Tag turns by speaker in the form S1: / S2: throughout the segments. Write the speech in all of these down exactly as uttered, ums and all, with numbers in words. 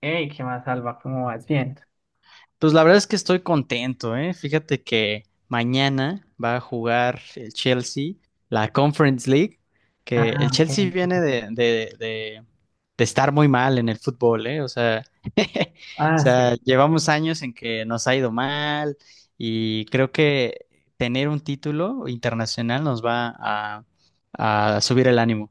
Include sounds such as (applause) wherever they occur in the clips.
S1: Hey, ¿qué más, Alba? ¿Cómo vas? Bien.
S2: Pues la verdad es que estoy contento, ¿eh? Fíjate que mañana va a jugar el Chelsea, la Conference League, que
S1: Ah,
S2: el
S1: ok,
S2: Chelsea
S1: sí, sí,
S2: viene
S1: sí.
S2: de, de, de, de estar muy mal en el fútbol, ¿eh? O sea, (laughs) o
S1: Ah,
S2: sea,
S1: sí.
S2: llevamos años en que nos ha ido mal y creo que tener un título internacional nos va a, a subir el ánimo.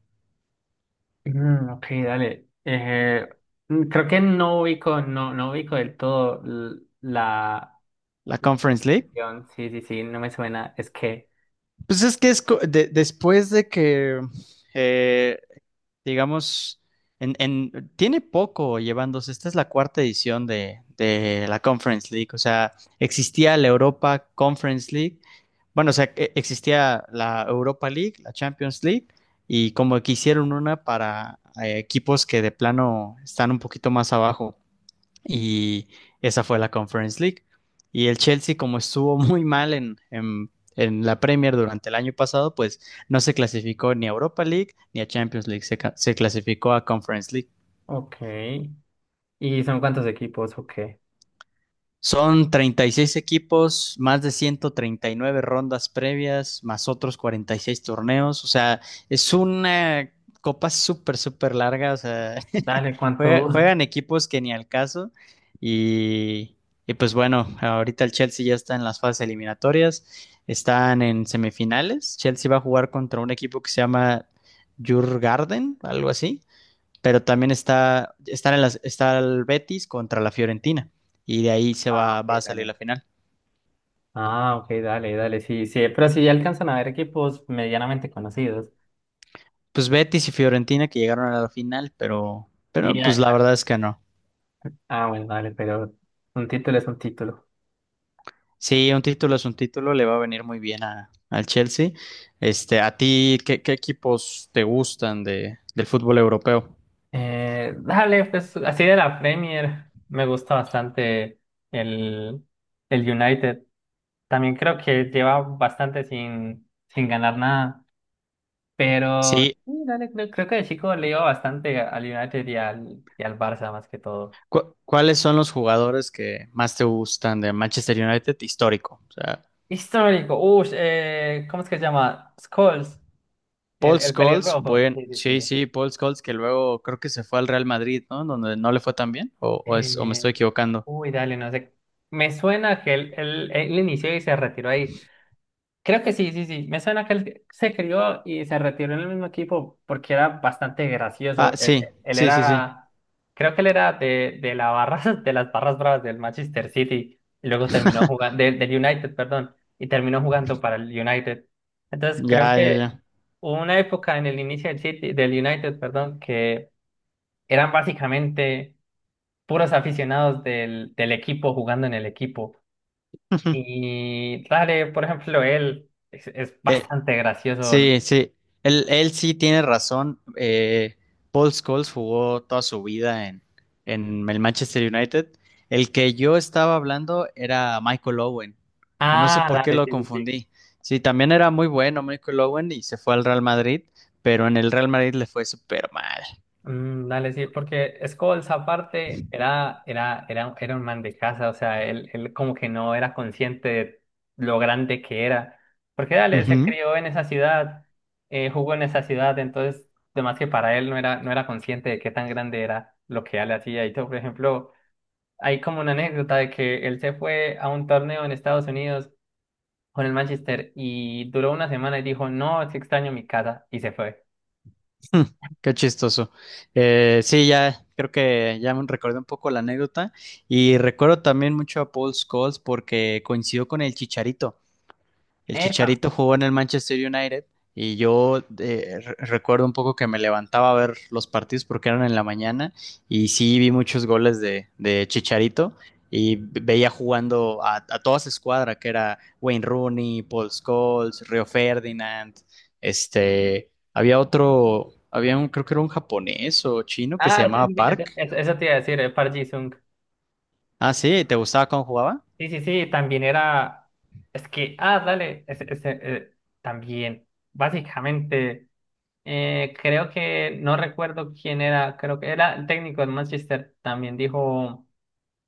S1: Mm, ok, dale. Eh, mm, creo que no ubico, no, no ubico del todo l- la
S2: La
S1: la
S2: Conference League.
S1: posición. Sí, sí, sí, no me suena. Es que.
S2: Pues es que es co- de- después de que eh, digamos, en, en- tiene poco llevándose. Esta es la cuarta edición de, de la Conference League. O sea, existía la Europa Conference League. Bueno, o sea, e- existía la Europa League, la Champions League, y como que hicieron una para eh, equipos que de plano están un poquito más abajo, y esa fue la Conference League. Y el Chelsea, como estuvo (laughs) muy mal en, en, en la Premier durante el año pasado, pues no se clasificó ni a Europa League ni a Champions League, se, se clasificó a Conference League.
S1: Ok. ¿Y son cuántos equipos? Ok.
S2: Son treinta y seis equipos, más de ciento treinta y nueve rondas previas, más otros cuarenta y seis torneos. O sea, es una copa súper, súper larga. O sea,
S1: Dale,
S2: (laughs) juega-
S1: ¿cuántos?
S2: juegan equipos que ni al caso. Y, y pues bueno, ahorita el Chelsea ya está en las fases eliminatorias. Están en semifinales. Chelsea va a jugar contra un equipo que se llama Jurgarden, algo así, pero también está, están en las, está el Betis contra la Fiorentina, y de ahí se
S1: Ah,
S2: va,
S1: ok,
S2: va a salir
S1: dale.
S2: la final.
S1: Ah, ok, dale, dale. Sí, sí, pero sí alcanzan a ver equipos medianamente conocidos.
S2: Pues Betis y Fiorentina que llegaron a la final, pero, pero
S1: Y,
S2: pues la
S1: ah,
S2: verdad es que no.
S1: ah, ah, bueno, dale, pero un título es un título.
S2: Sí, un título es un título, le va a venir muy bien a, al Chelsea. Este, ¿a ti qué, qué equipos te gustan de, del fútbol europeo?
S1: Eh, dale, pues así de la Premier me gusta bastante el, el United. También creo que lleva bastante sin, sin ganar nada, pero
S2: Sí,
S1: sí, dale, creo, creo que de chico le iba bastante al United y al, y al Barça más que todo.
S2: cu- ¿cuáles son los jugadores que más te gustan de Manchester United histórico? O sea.
S1: Histórico, uff, eh, ¿cómo es que se llama? Scholes, el,
S2: Paul
S1: el
S2: Scholes.
S1: pelirrojo.
S2: Bueno,
S1: Sí, sí,
S2: sí,
S1: sí.
S2: sí, Paul Scholes, que luego creo que se fue al Real Madrid, ¿no? Donde no le fue tan bien, o, o es, o me
S1: Eh,
S2: estoy equivocando.
S1: uy, Dale, no sé. Me suena que él, él, él inició y se retiró ahí. Creo que sí, sí, sí. Me suena que él se crió y se retiró en el mismo equipo porque era bastante
S2: Ah,
S1: gracioso. Él,
S2: sí,
S1: él
S2: sí, sí, sí.
S1: era, creo que él era de, de la barra, (laughs) de las barras bravas del Manchester City y luego terminó
S2: (laughs)
S1: jugando, del, del United, perdón, y terminó jugando para el United. Entonces
S2: Ya,
S1: creo
S2: ya,
S1: que
S2: ya.
S1: hubo una época en el inicio del City, del United, perdón, que eran básicamente puros aficionados del, del equipo jugando en el equipo.
S2: (laughs)
S1: Y dale, por ejemplo, él es, es
S2: Eh,
S1: bastante gracioso.
S2: Sí, sí, él, él sí tiene razón. Eh, Paul Scholes jugó toda su vida en, en el Manchester United. El que yo estaba hablando era Michael Owen. No sé
S1: Ah,
S2: por qué
S1: dale,
S2: lo
S1: sí, sí, sí.
S2: confundí. Sí, también era muy bueno Michael Owen y se fue al Real Madrid, pero en el Real Madrid le fue súper mal.
S1: Mm, dale, sí, porque Scholes aparte era, era, era, era un man de casa, o sea, él, él como que no era consciente de lo grande que era. Porque dale, se
S2: Ujú.
S1: crió en esa ciudad, eh, jugó en esa ciudad, entonces, además que para él no era, no era consciente de qué tan grande era lo que él hacía. Y todo, por ejemplo, hay como una anécdota de que él se fue a un torneo en Estados Unidos con el Manchester y duró una semana y dijo, no, es que extraño mi casa y se fue.
S2: (laughs) Qué chistoso. Eh, sí, ya creo que ya me recordé un poco la anécdota y recuerdo también mucho a Paul Scholes porque coincidió con el Chicharito. El
S1: Epa.
S2: Chicharito jugó en el Manchester United, y yo eh, re- recuerdo un poco que me levantaba a ver los partidos porque eran en la mañana, y sí vi muchos goles de, de Chicharito, y veía jugando a, a toda su escuadra que era Wayne Rooney, Paul Scholes, Rio Ferdinand. Este, había otro, había un, Creo que era un japonés o chino que se
S1: Ah, ese
S2: llamaba
S1: es- ese-
S2: Park.
S1: ese- eso te iba a decir, eh, Park Ji-sung.
S2: Ah, sí, ¿te gustaba cómo jugaba?
S1: Sí, sí, sí, también era, es que, ah, dale, ese, ese, eh, también, básicamente, eh, creo que, no recuerdo quién era, creo que era el técnico del Manchester, también dijo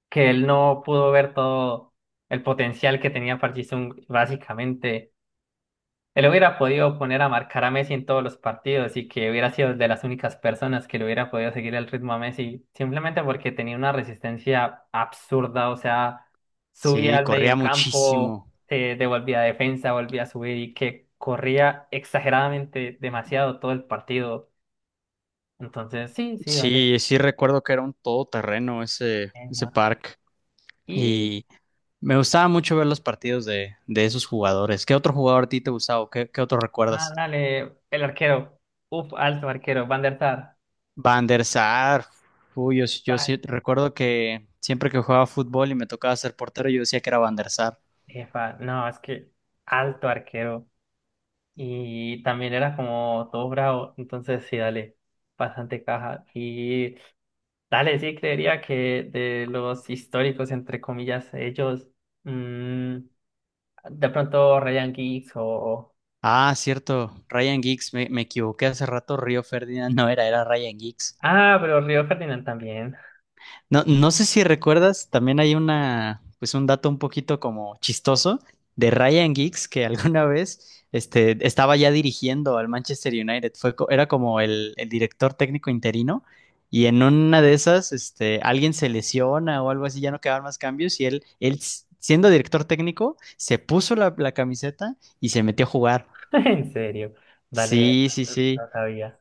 S1: que él no pudo ver todo el potencial que tenía Park Ji-sung, básicamente. Él hubiera podido poner a marcar a Messi en todos los partidos y que hubiera sido de las únicas personas que le hubiera podido seguir el ritmo a Messi, simplemente porque tenía una resistencia absurda, o sea, subía
S2: Sí,
S1: al
S2: corría
S1: medio campo,
S2: muchísimo.
S1: se devolvía a defensa, volvía a subir y que corría exageradamente demasiado todo el partido. Entonces, sí, sí, dale.
S2: Sí, sí recuerdo que era un todoterreno ese, ese
S1: Neymar.
S2: parque,
S1: Y,
S2: y me gustaba mucho ver los partidos de, de esos jugadores. ¿Qué otro jugador a ti te gustaba, o qué, qué otro
S1: ah,
S2: recuerdas?
S1: dale, el arquero, uf, alto arquero, Van der Sar.
S2: Van der Sar. Uy, yo, sí- yo sí
S1: Tan,
S2: recuerdo que siempre que jugaba fútbol y me tocaba ser portero yo decía que era Van der Sar.
S1: jefa, no, es que alto arquero. Y también era como todo bravo, entonces sí, dale, bastante caja. Y dale, sí, creería que de los históricos, entre comillas, ellos, mm, de pronto Ryan Giggs o...
S2: Ah, cierto, Ryan Giggs, me, me equivoqué hace rato, Río Ferdinand (laughs) no era, era Ryan Giggs.
S1: Ah, pero Río Ferdinand también,
S2: No, no sé si recuerdas, también hay una, pues un dato un poquito como chistoso de Ryan Giggs que (laughs) alguna vez este, estaba ya dirigiendo al Manchester United. Fue, co- era como el, el director técnico interino, y en una de esas este, alguien se lesiona o algo así, ya no quedaban más cambios, y él, él s- siendo director técnico se puso la, la camiseta y se metió a jugar.
S1: (laughs) en serio, dale,
S2: Sí, sí,
S1: no
S2: sí,
S1: sabía,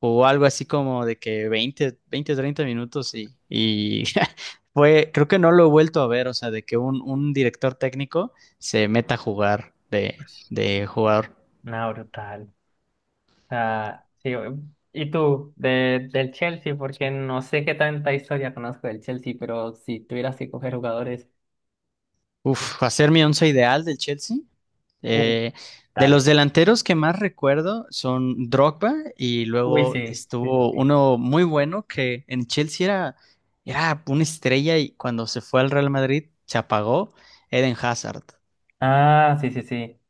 S2: o algo así como de que veinte 20, treinta minutos, y, y (laughs) fue, creo que no lo he vuelto a ver, o sea, de que un, un director técnico se meta a jugar de, de jugador.
S1: nada brutal. Ah, sí, y tú, de, del Chelsea, porque no sé qué tanta historia conozco del Chelsea, pero si tuvieras que coger jugadores,
S2: Uf, hacer mi once ideal del Chelsea.
S1: uh,
S2: Eh, de los delanteros que más recuerdo son Drogba, y
S1: uy,
S2: luego
S1: sí, sí, sí,
S2: estuvo
S1: sí.
S2: uno muy bueno que en Chelsea era, era una estrella, y cuando se fue al Real Madrid se apagó: Eden Hazard.
S1: Ah, sí, sí, sí.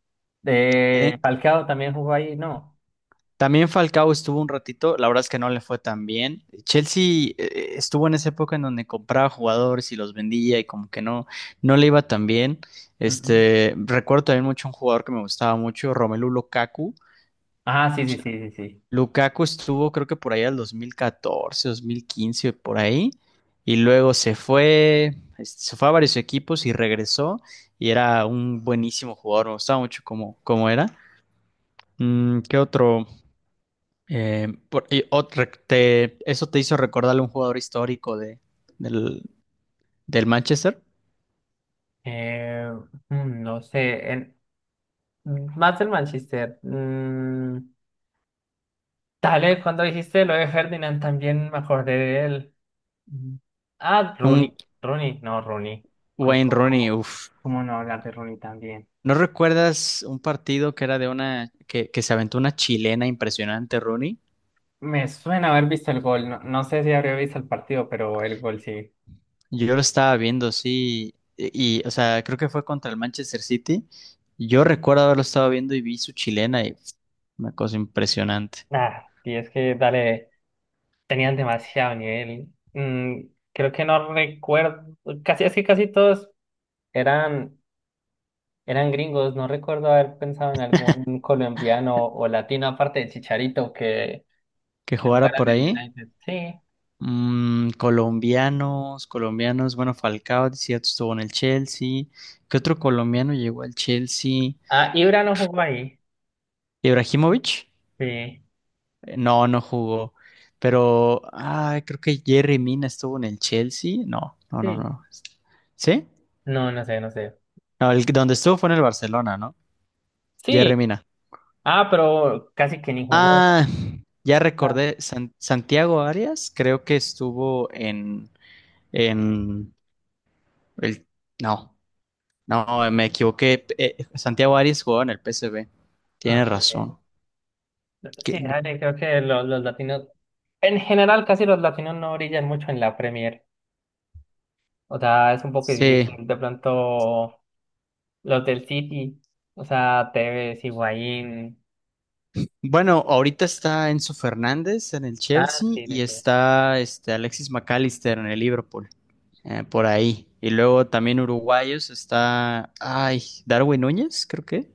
S1: De
S2: Eden,
S1: Falcao también jugó ahí, ¿no?
S2: También Falcao estuvo un ratito, la verdad es que no le fue tan bien. Chelsea eh, estuvo en esa época en donde compraba jugadores y los vendía, y como que no, no le iba tan bien.
S1: Ujú.
S2: Este, recuerdo también mucho un jugador que me gustaba mucho, Romelu Lukaku.
S1: Ah, sí, sí, sí, sí, sí.
S2: Lukaku estuvo creo que por ahí al dos mil catorce, dos mil quince, por ahí. Y luego se fue, este, se fue a varios equipos y regresó, y era un buenísimo jugador, me gustaba mucho cómo, cómo era. Mm, ¿qué otro? Eh, por- y ot- rec- te- eso te hizo recordarle a un jugador histórico de, del, del Manchester,
S1: Eh, mm, no sé, en- más del Manchester. Mm, dale, cuando dijiste lo de Ferdinand también me acordé de él. Mm. Ah, Rooney,
S2: un
S1: Rooney, no, Rooney. Co-
S2: Wayne
S1: co-
S2: Rooney.
S1: ¿Cómo,
S2: Uf.
S1: cómo no hablar de Rooney también?
S2: ¿No recuerdas un partido que era de una que, que se aventó una chilena impresionante, Rooney?
S1: Me suena haber visto el gol, no, no sé si habría visto el partido, pero el gol sí.
S2: Yo lo estaba viendo, sí, y, y, o sea, creo que fue contra el Manchester City. Yo recuerdo haberlo estado viendo y vi su chilena, y pf, una cosa impresionante.
S1: Ah, sí, es que dale, tenían demasiado nivel. Mm, creo que no recuerdo, casi así, casi todos eran, eran gringos. No recuerdo haber pensado en algún colombiano o latino, aparte de Chicharito, que,
S2: Que
S1: que
S2: jugara
S1: jugara
S2: por
S1: en el
S2: ahí.
S1: United. Sí.
S2: Mm, colombianos, colombianos, bueno, Falcao, decía, estuvo en el Chelsea. ¿Qué otro colombiano llegó al Chelsea?
S1: Ah, Ibra no jugó ahí.
S2: ¿Ibrahimovic?
S1: Sí,
S2: Eh, No, no jugó. Pero, ah, creo que Jerry Mina estuvo en el Chelsea. No, no, no,
S1: sí.
S2: no. ¿Sí?
S1: No, no sé, no sé.
S2: No, el, donde estuvo fue en el Barcelona, ¿no? Jerry
S1: Sí.
S2: Mina.
S1: Ah, pero casi que ni jugó.
S2: Ah, ya
S1: Ah,
S2: recordé, San- Santiago Arias creo que estuvo en, en el... No. No, eh, me equivoqué. Eh, Santiago Arias jugaba en el P S V. Tienes
S1: ah, sí.
S2: razón.
S1: Sí,
S2: Que-
S1: dale, creo que los, los latinos, en general, casi los latinos no brillan mucho en la Premier. O sea, es un poco
S2: Sí.
S1: difícil. De pronto, los del City, o sea, Tevez, Higuaín.
S2: Bueno, ahorita está Enzo Fernández en el
S1: Ah,
S2: Chelsea
S1: sí, sí,
S2: y
S1: sí.
S2: está este, Alexis McAllister en el Liverpool. Eh, por ahí. Y luego también uruguayos está. Ay, Darwin Núñez, creo que.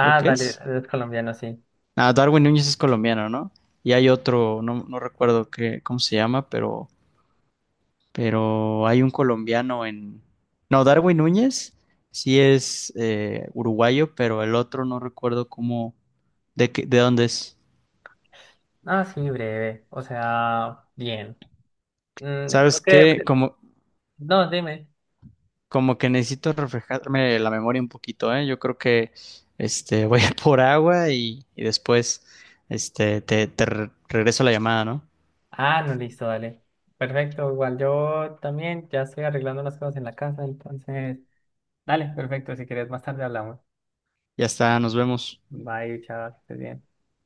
S2: Creo que
S1: dale,
S2: es.
S1: los colombiano sí.
S2: Ah, Darwin Núñez es colombiano, ¿no? Y hay otro, no, no recuerdo qué, cómo se llama, pero pero hay un colombiano en... No, Darwin Núñez sí es eh, uruguayo, pero el otro no recuerdo cómo, de qué- de dónde es.
S1: Ah, sí, breve. O sea, bien. Mm,
S2: ¿Sabes
S1: creo que.
S2: qué?
S1: Bre-
S2: Como,
S1: no, dime.
S2: como que necesito refrescarme la memoria un poquito, ¿eh? Yo creo que este, (laughs) voy a por agua, y, y después este, te, te re- regreso la llamada, ¿no?
S1: Ah, no, listo, dale. Perfecto, igual yo también ya estoy arreglando unas cosas en la casa, entonces. Dale, perfecto. Si quieres, más tarde hablamos.
S2: Ya está, nos vemos.
S1: Bye, chao, que estés bien.